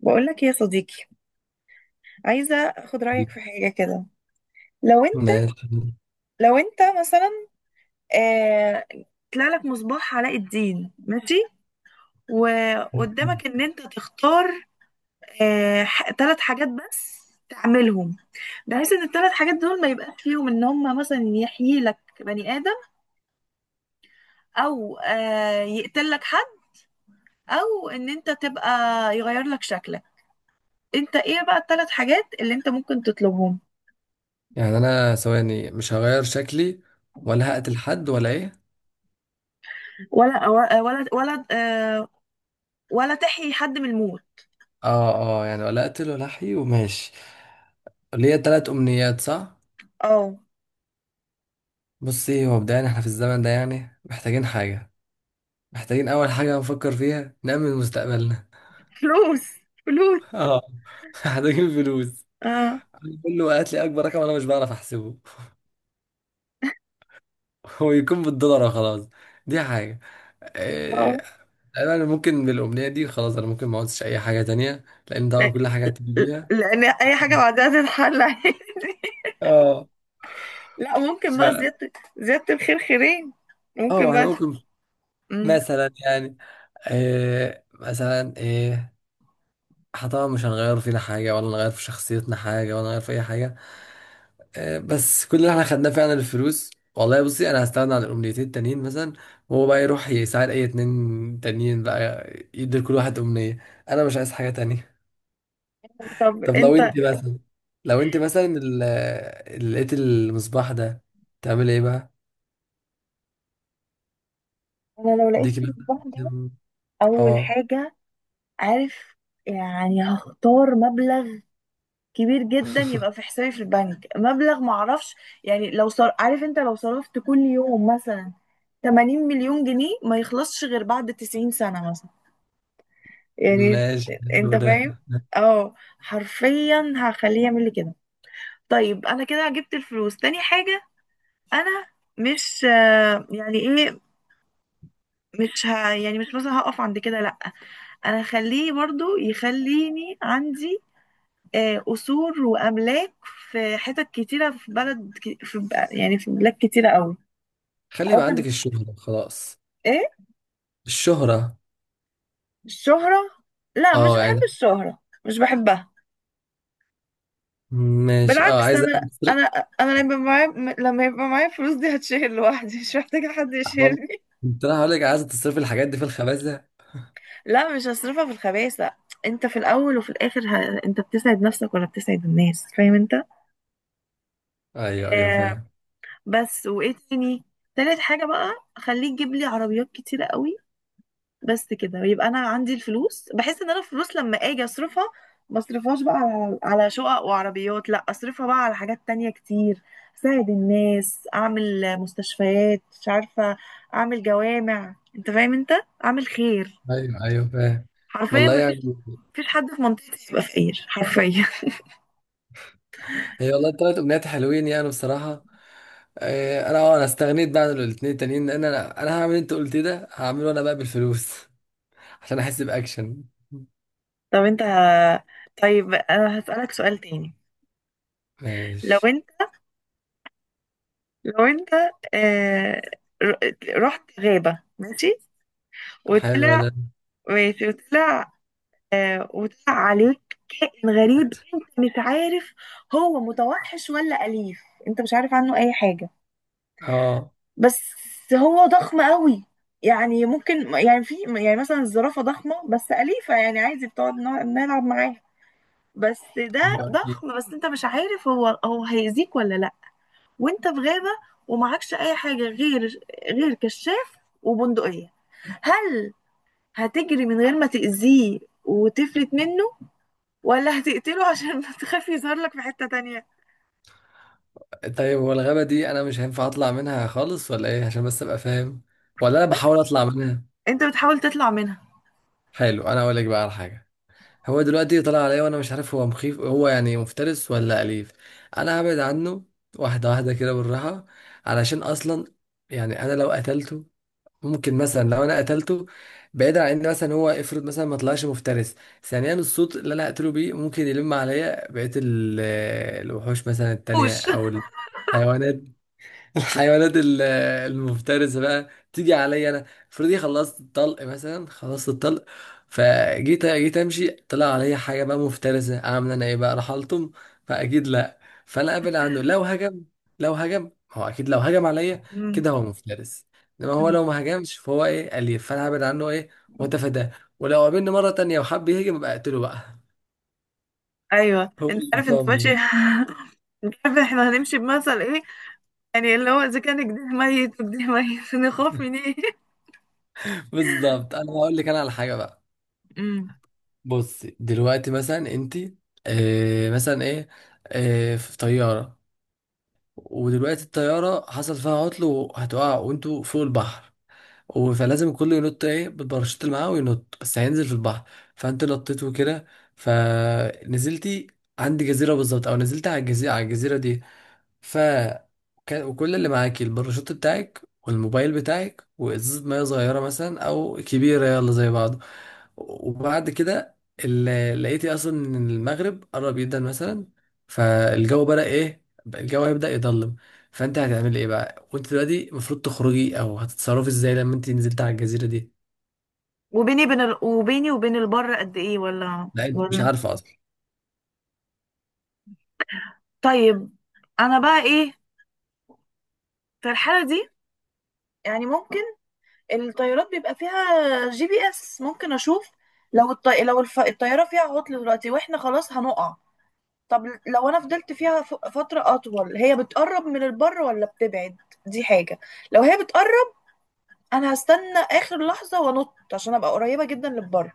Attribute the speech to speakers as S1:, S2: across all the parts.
S1: بقولك يا صديقي، عايزة أخد رأيك
S2: ماشي.
S1: في حاجة كده. لو أنت لو أنت مثلا، آه، طلع لك مصباح علاء الدين، ماشي؟ وقدامك إن أنت تختار ثلاث حاجات بس تعملهم، بحيث إن الثلاث حاجات دول ما يبقاش فيهم إن هما مثلا يحيي لك بني آدم، أو يقتل لك حد، أو إن أنت تبقى يغير لك شكلك. أنت إيه بقى الثلاث حاجات اللي أنت ممكن تطلبهم؟
S2: يعني انا ثواني مش هغير شكلي ولا هقتل حد ولا ايه.
S1: ولا ولا ولا, ولا آه، ولا تحيي حد من الموت.
S2: اه اه يعني ولا اقتل ولا احيي وماشي. ليا تلات امنيات صح.
S1: اه.
S2: بصي، هو مبدئيا احنا في الزمن ده يعني محتاجين حاجة. محتاجين اول حاجة نفكر فيها نأمن مستقبلنا.
S1: فلوس فلوس.
S2: اه، محتاجين فلوس.
S1: اه
S2: كله قالت لي اكبر رقم انا مش بعرف احسبه. هو يكون بالدولار خلاص. دي حاجة.
S1: اه.
S2: آه، انا ممكن بالامنية دي خلاص، انا ممكن ما اقعدش اي حاجة تانية، لان طبعا
S1: لا-
S2: كل حاجة هتيجي بيها.
S1: لان اي حاجه بعدها تتحل عادي
S2: اه.
S1: لا، ممكن
S2: ف
S1: بقى، زياده زياده الخير خيرين. ممكن
S2: اه احنا
S1: بقى.
S2: ممكن
S1: مم.
S2: مثلا، يعني إيه مثلا، ايه احنا طبعا مش هنغير فينا حاجة ولا نغير في شخصيتنا حاجة ولا نغير في أي حاجة. إيه بس كل اللي احنا خدناه فعلا الفلوس. والله بصي، أنا هستغنى عن الأمنيتين التانيين مثلا، وهو بقى يروح يساعد أي اتنين تانيين بقى، يدي لكل واحد أمنية. أنا مش عايز حاجة تانية.
S1: طب
S2: طب لو
S1: انت.
S2: انت مثلا، لو انت مثلا ال- اللي لقيت المصباح ده تعمل ايه بقى؟
S1: انا لو لقيت
S2: ديكي مثلا
S1: المصباح ده،
S2: كام-
S1: اول
S2: اه
S1: حاجه، عارف، يعني هختار مبلغ كبير جدا يبقى في حسابي في البنك، مبلغ معرفش، يعني لو صار عارف انت لو صرفت كل يوم مثلا 80 مليون جنيه ما يخلصش غير بعد 90 سنه مثلا، يعني،
S2: ماشي،
S1: انت
S2: حلو ده.
S1: فاهم؟ اه، حرفيا هخليه يعمل لي كده. طيب انا كده جبت الفلوس. تاني حاجة، انا مش يعني ايه، مش يعني مش مثلا هقف عند كده، لا. انا هخليه برضو يخليني عندي قصور واملاك في حتت كتيرة في بلد يعني في بلاد كتيرة قوي.
S2: خلي
S1: او
S2: يبقى
S1: في
S2: عندك الشهرة خلاص.
S1: ايه،
S2: الشهرة.
S1: الشهرة؟ لا، مش
S2: اه
S1: بحب
S2: يعني.
S1: الشهرة، مش بحبها.
S2: ماشي، اه
S1: بالعكس،
S2: عايزة
S1: انا
S2: تصرف.
S1: انا انا لما يبقى معايا، لما يبقى معايا فلوس دي هتشيل لوحدي، مش محتاجه حد
S2: اه،
S1: يشيلني.
S2: كنت انا هقول لك عايزة تصرف الحاجات دي في الخبازة.
S1: لا، مش هصرفها في الخباثه. انت في الاول وفي الاخر، انت بتسعد نفسك ولا بتسعد الناس، فاهم انت؟
S2: ايوه ايوه
S1: آه.
S2: فاهم.
S1: بس وايه تاني؟ تالت حاجه بقى، خليك تجيب لي عربيات كتيره قوي. بس كده. ويبقى انا عندي الفلوس، بحس ان انا الفلوس لما اجي اصرفها، ما اصرفهاش بقى على شقق وعربيات، لا، اصرفها بقى على حاجات تانية كتير. اساعد الناس، اعمل مستشفيات، مش عارفة، اعمل جوامع، انت فاهم انت؟ اعمل خير.
S2: ايوه ايوه فاهم.
S1: حرفيا
S2: والله
S1: ما فيش،
S2: يعني.
S1: حد في منطقتي يبقى فقير، حرفيا.
S2: هي والله التلات امنيات حلوين يعني بصراحة. انا اه انا استغنيت بقى عن الاتنين التانيين، لان انا هعمل اللي انت قلت ده، هعمله انا بقى بالفلوس، عشان احس باكشن.
S1: طب انت. طيب انا هسألك سؤال تاني. لو
S2: ماشي،
S1: انت لو انت آه، رحت غابة، ماشي؟
S2: حلو ده.
S1: وطلع ماشي، وطلع عليك كائن غريب، انت مش عارف هو متوحش ولا أليف، انت مش عارف عنه اي حاجة،
S2: اه
S1: بس هو ضخم قوي. يعني ممكن، يعني في، يعني مثلا الزرافة ضخمة بس أليفة، يعني عادي بتقعد نلعب معاها. بس ده
S2: حلو اكيد.
S1: ضخم، بس انت مش عارف هو هيأذيك ولا لا. وانت في غابة، ومعكش اي حاجة غير، غير كشاف وبندقية. هل هتجري من غير ما تأذيه وتفلت منه، ولا هتقتله عشان تخافي يظهر لك في حتة تانية؟
S2: طيب هو الغابة دي انا مش هينفع اطلع منها خالص ولا ايه؟ عشان بس ابقى فاهم، ولا انا
S1: لا،
S2: بحاول اطلع منها؟
S1: انت بتحاول تطلع منها.
S2: حلو، انا اقول لك بقى على حاجة. هو دلوقتي طلع عليا وانا مش عارف هو مخيف، هو يعني مفترس ولا اليف. انا هبعد عنه واحدة واحدة كده بالراحة، علشان اصلا يعني انا لو قتلته، ممكن مثلا لو انا قتلته، بعيدا عن ان مثلا هو افرض مثلا ما طلعش مفترس، ثانيا الصوت اللي انا هقتله بيه ممكن يلم عليا الوحوش مثلا التانية،
S1: وش.
S2: او الحيوانات، الحيوانات ال- المفترسة بقى تيجي عليا انا. افرضي خلصت الطلق مثلا، خلصت الطلق، فجيت جيت امشي طلع عليا حاجة بقى مفترسة، عاملة انا ايه بقى؟ راح الطم؟ فاكيد لا. فانا ابعد عنه، لو هجم، لو هجم هو، اكيد لو هجم عليا
S1: مم.
S2: كده هو مفترس. انما هو
S1: مم.
S2: لو ما هجمش فهو ايه، اليف، فانا هبعد عنه ايه واتفاداه. ولو قابلني مرة تانية وحب يهجم، ابقى اقتله بقى.
S1: ايوه
S2: هو
S1: انت
S2: اللي
S1: عارف، انت ماشي
S2: فاهم.
S1: مش عارف احنا هنمشي بمثل ايه. يعني اللي هو اذا كان جديه ميت وجديه ميت نخاف من ايه؟
S2: بالظبط، انا هقول لك انا على حاجة بقى.
S1: مم.
S2: بص دلوقتي مثلا انت، آه مثلا ايه آه في طيارة، ودلوقتي الطيارة حصل فيها عطل وهتقع وانتوا فوق البحر، فلازم الكل ينط ايه، بالباراشوت اللي معاه وينط، بس هينزل في البحر. فانت نطيت وكده، فنزلتي عند جزيرة بالظبط، او نزلت على الجزيرة، على الجزيرة دي. ف وكل اللي معاكي الباراشوت بتاعك والموبايل بتاعك وازازة مية صغيرة مثلا او كبيرة يلا زي بعض. وبعد كده لقيتي اصلا ان المغرب قرب جدا مثلا، فالجو بدأ ايه، الجو هيبدأ يضلم. فانت هتعملي ايه بقى، وانت دلوقتي المفروض تخرجي، او هتتصرفي ازاي لما انت نزلت على الجزيرة دي؟
S1: وبيني بين وبيني وبين البر قد ايه، ولا
S2: لا انت مش
S1: ولا
S2: عارفة اصلا.
S1: طيب. انا بقى ايه في الحالة دي؟ يعني ممكن الطيارات بيبقى فيها جي بي اس، ممكن اشوف. لو الطيارة فيها عطل دلوقتي واحنا خلاص هنقع، طب لو انا فضلت فيها فترة اطول، هي بتقرب من البر ولا بتبعد؟ دي حاجة. لو هي بتقرب، انا هستنى اخر لحظة وانط عشان ابقى قريبة جدا للبر.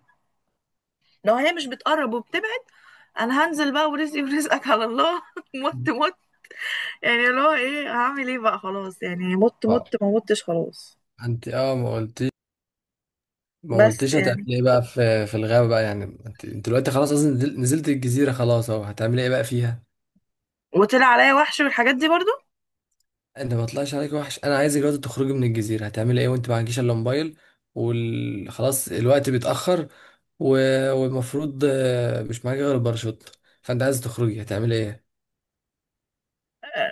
S1: لو هي مش بتقرب وبتبعد، انا هنزل بقى، ورزقي ورزقك على الله مت مت، يعني اللي هو ايه، هعمل ايه بقى، خلاص، يعني مت
S2: اه
S1: مت، ما متش، خلاص.
S2: انت اه ما قلت، ما
S1: بس
S2: قلتش هتعمل
S1: يعني،
S2: ايه بقى في في الغابة بقى. يعني انت انت دلوقتي خلاص اصلا نزلت الجزيرة خلاص اهو، هتعمل ايه بقى فيها؟
S1: وطلع عليا وحش والحاجات دي برضو.
S2: انت ما طلعش عليك وحش، انا عايزك دلوقتي تخرجي من الجزيرة، هتعمل ايه وانت معكيش الا موبايل، وخلاص الوقت بيتأخر، والمفروض مش معاك غير الباراشوت، فانت عايز تخرجي هتعمل ايه؟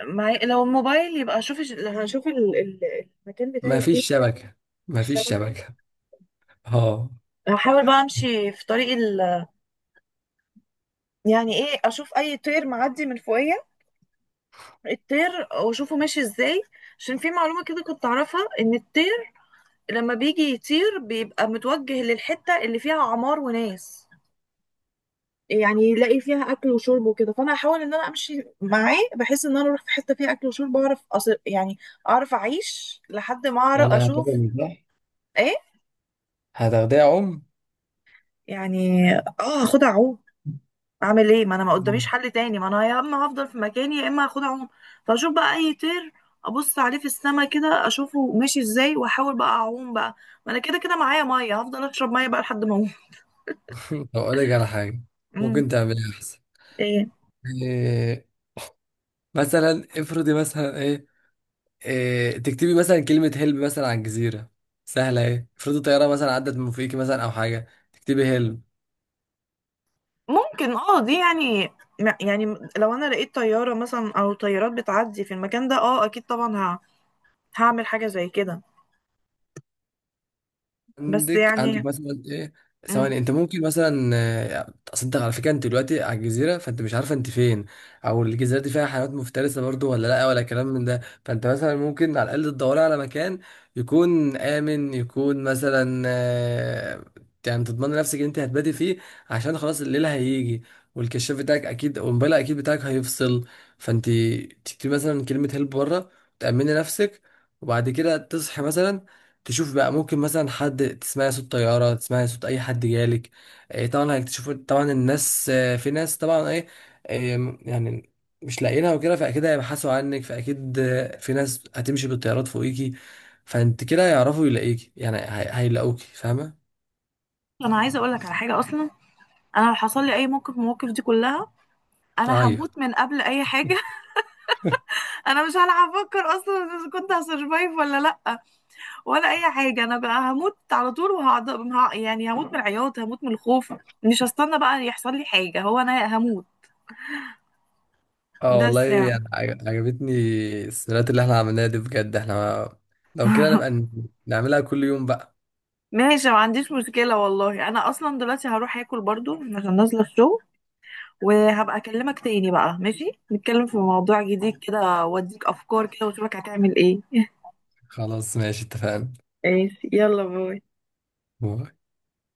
S1: معي لو الموبايل، يبقى اشوف، هشوف المكان
S2: ما
S1: بتاعي فين.
S2: فيش شبكة.
S1: في
S2: ما فيش
S1: الشبكة.
S2: شبكة. اه
S1: هحاول بقى امشي في طريق، يعني ايه، اشوف اي طير معدي من فوقيا، الطير، واشوفه ماشي ازاي. عشان في معلومة كده كنت اعرفها، ان الطير لما بيجي يطير بيبقى متوجه للحتة اللي فيها عمار وناس، يعني يلاقي فيها اكل وشرب وكده. فانا هحاول ان انا امشي معاه، بحيث ان انا اروح في حتة فيها اكل وشرب، اعرف أصل يعني، اعرف اعيش لحد ما اعرف
S2: يعني
S1: اشوف.
S2: هتاخدي صح،
S1: ايه،
S2: هتاخديها ام.
S1: يعني، اه، هاخدها عوم. اعمل ايه، ما انا ما قداميش حل تاني، ما انا يا اما هفضل في مكاني، يا اما هاخد اعوم. فاشوف بقى اي طير، ابص عليه في السما كده، اشوفه ماشي ازاي، واحاول بقى اعوم بقى. ما انا كده كده معايا ميه، هفضل اشرب ميه بقى لحد ما اقوم.
S2: طب اقول لك على حاجة،
S1: أمم،
S2: ممكن تعملها احسن
S1: ايه؟
S2: يعني. مثلا افرضي مثلا ايه، إيه تكتبي مثلا كلمة هلب مثلا على الجزيرة سهلة ايه. افرضي طيارة مثلا عدت من فوقيكي مثلا او حاجة، تكتبي هلب.
S1: ممكن، اه، دي يعني، يعني، لو انا لقيت طياره مثلا، او طيارات بتعدي في المكان ده، اه، اكيد طبعا هعمل حاجه زي كده. بس
S2: عندك
S1: يعني.
S2: مثلا ايه.
S1: أمم.
S2: ثواني، انت ممكن مثلا آه، اصدق على فكره انت دلوقتي على الجزيره فانت مش عارفه انت فين، او الجزيره دي فيها حيوانات مفترسه برضو ولا لا ولا كلام من ده. فانت مثلا ممكن على الاقل تدوري على مكان يكون امن، يكون مثلا آه، يعني تضمن نفسك ان انت هتباتي فيه، عشان خلاص الليل هيجي، والكشاف بتاعك اكيد والموبايل اكيد بتاعك هيفصل. فانت تكتبي مثلا كلمه هيلب بره، تامني نفسك، وبعد كده تصحي مثلا، تشوف بقى ممكن مثلا حد، تسمعي صوت طيارة، تسمعي صوت أي حد جالك. إيه طبعا هيكتشفوا طبعا الناس آه، في ناس طبعا إيه، يعني مش لاقيينها وكده، فأكيد هيبحثوا عنك، فأكيد آه، في ناس هتمشي بالطيارات فوقيكي، فأنت كده هيعرفوا يلاقيكي، يعني هيلاقوكي، فاهمة؟
S1: انا عايزه اقول لك على حاجه اصلا. انا لو حصل لي اي موقف من المواقف دي كلها، انا
S2: أيوه.
S1: هموت من قبل اي حاجه. انا مش هلعب افكر اصلا اذا كنت هسرفايف ولا لا، ولا اي حاجه، انا بقى هموت على طول، وهقعد يعني هموت من العياط، هموت من الخوف. مش هستنى بقى يحصل لي حاجه، هو انا هموت.
S2: اه والله
S1: بس يعني.
S2: يعني عجبتني السيناريوهات اللي احنا عملناها دي بجد. احنا لو كده نبقى نعملها كل يوم بقى.
S1: ماشي، ما عنديش مشكله والله. انا اصلا دلوقتي هروح اكل برضو عشان نازله الشغل. وهبقى اكلمك تاني بقى، ماشي، نتكلم في موضوع جديد كده، واديك افكار كده، واشوفك هتعمل ايه
S2: خلاص ماشي اتفقنا.
S1: ماشي، يلا باي.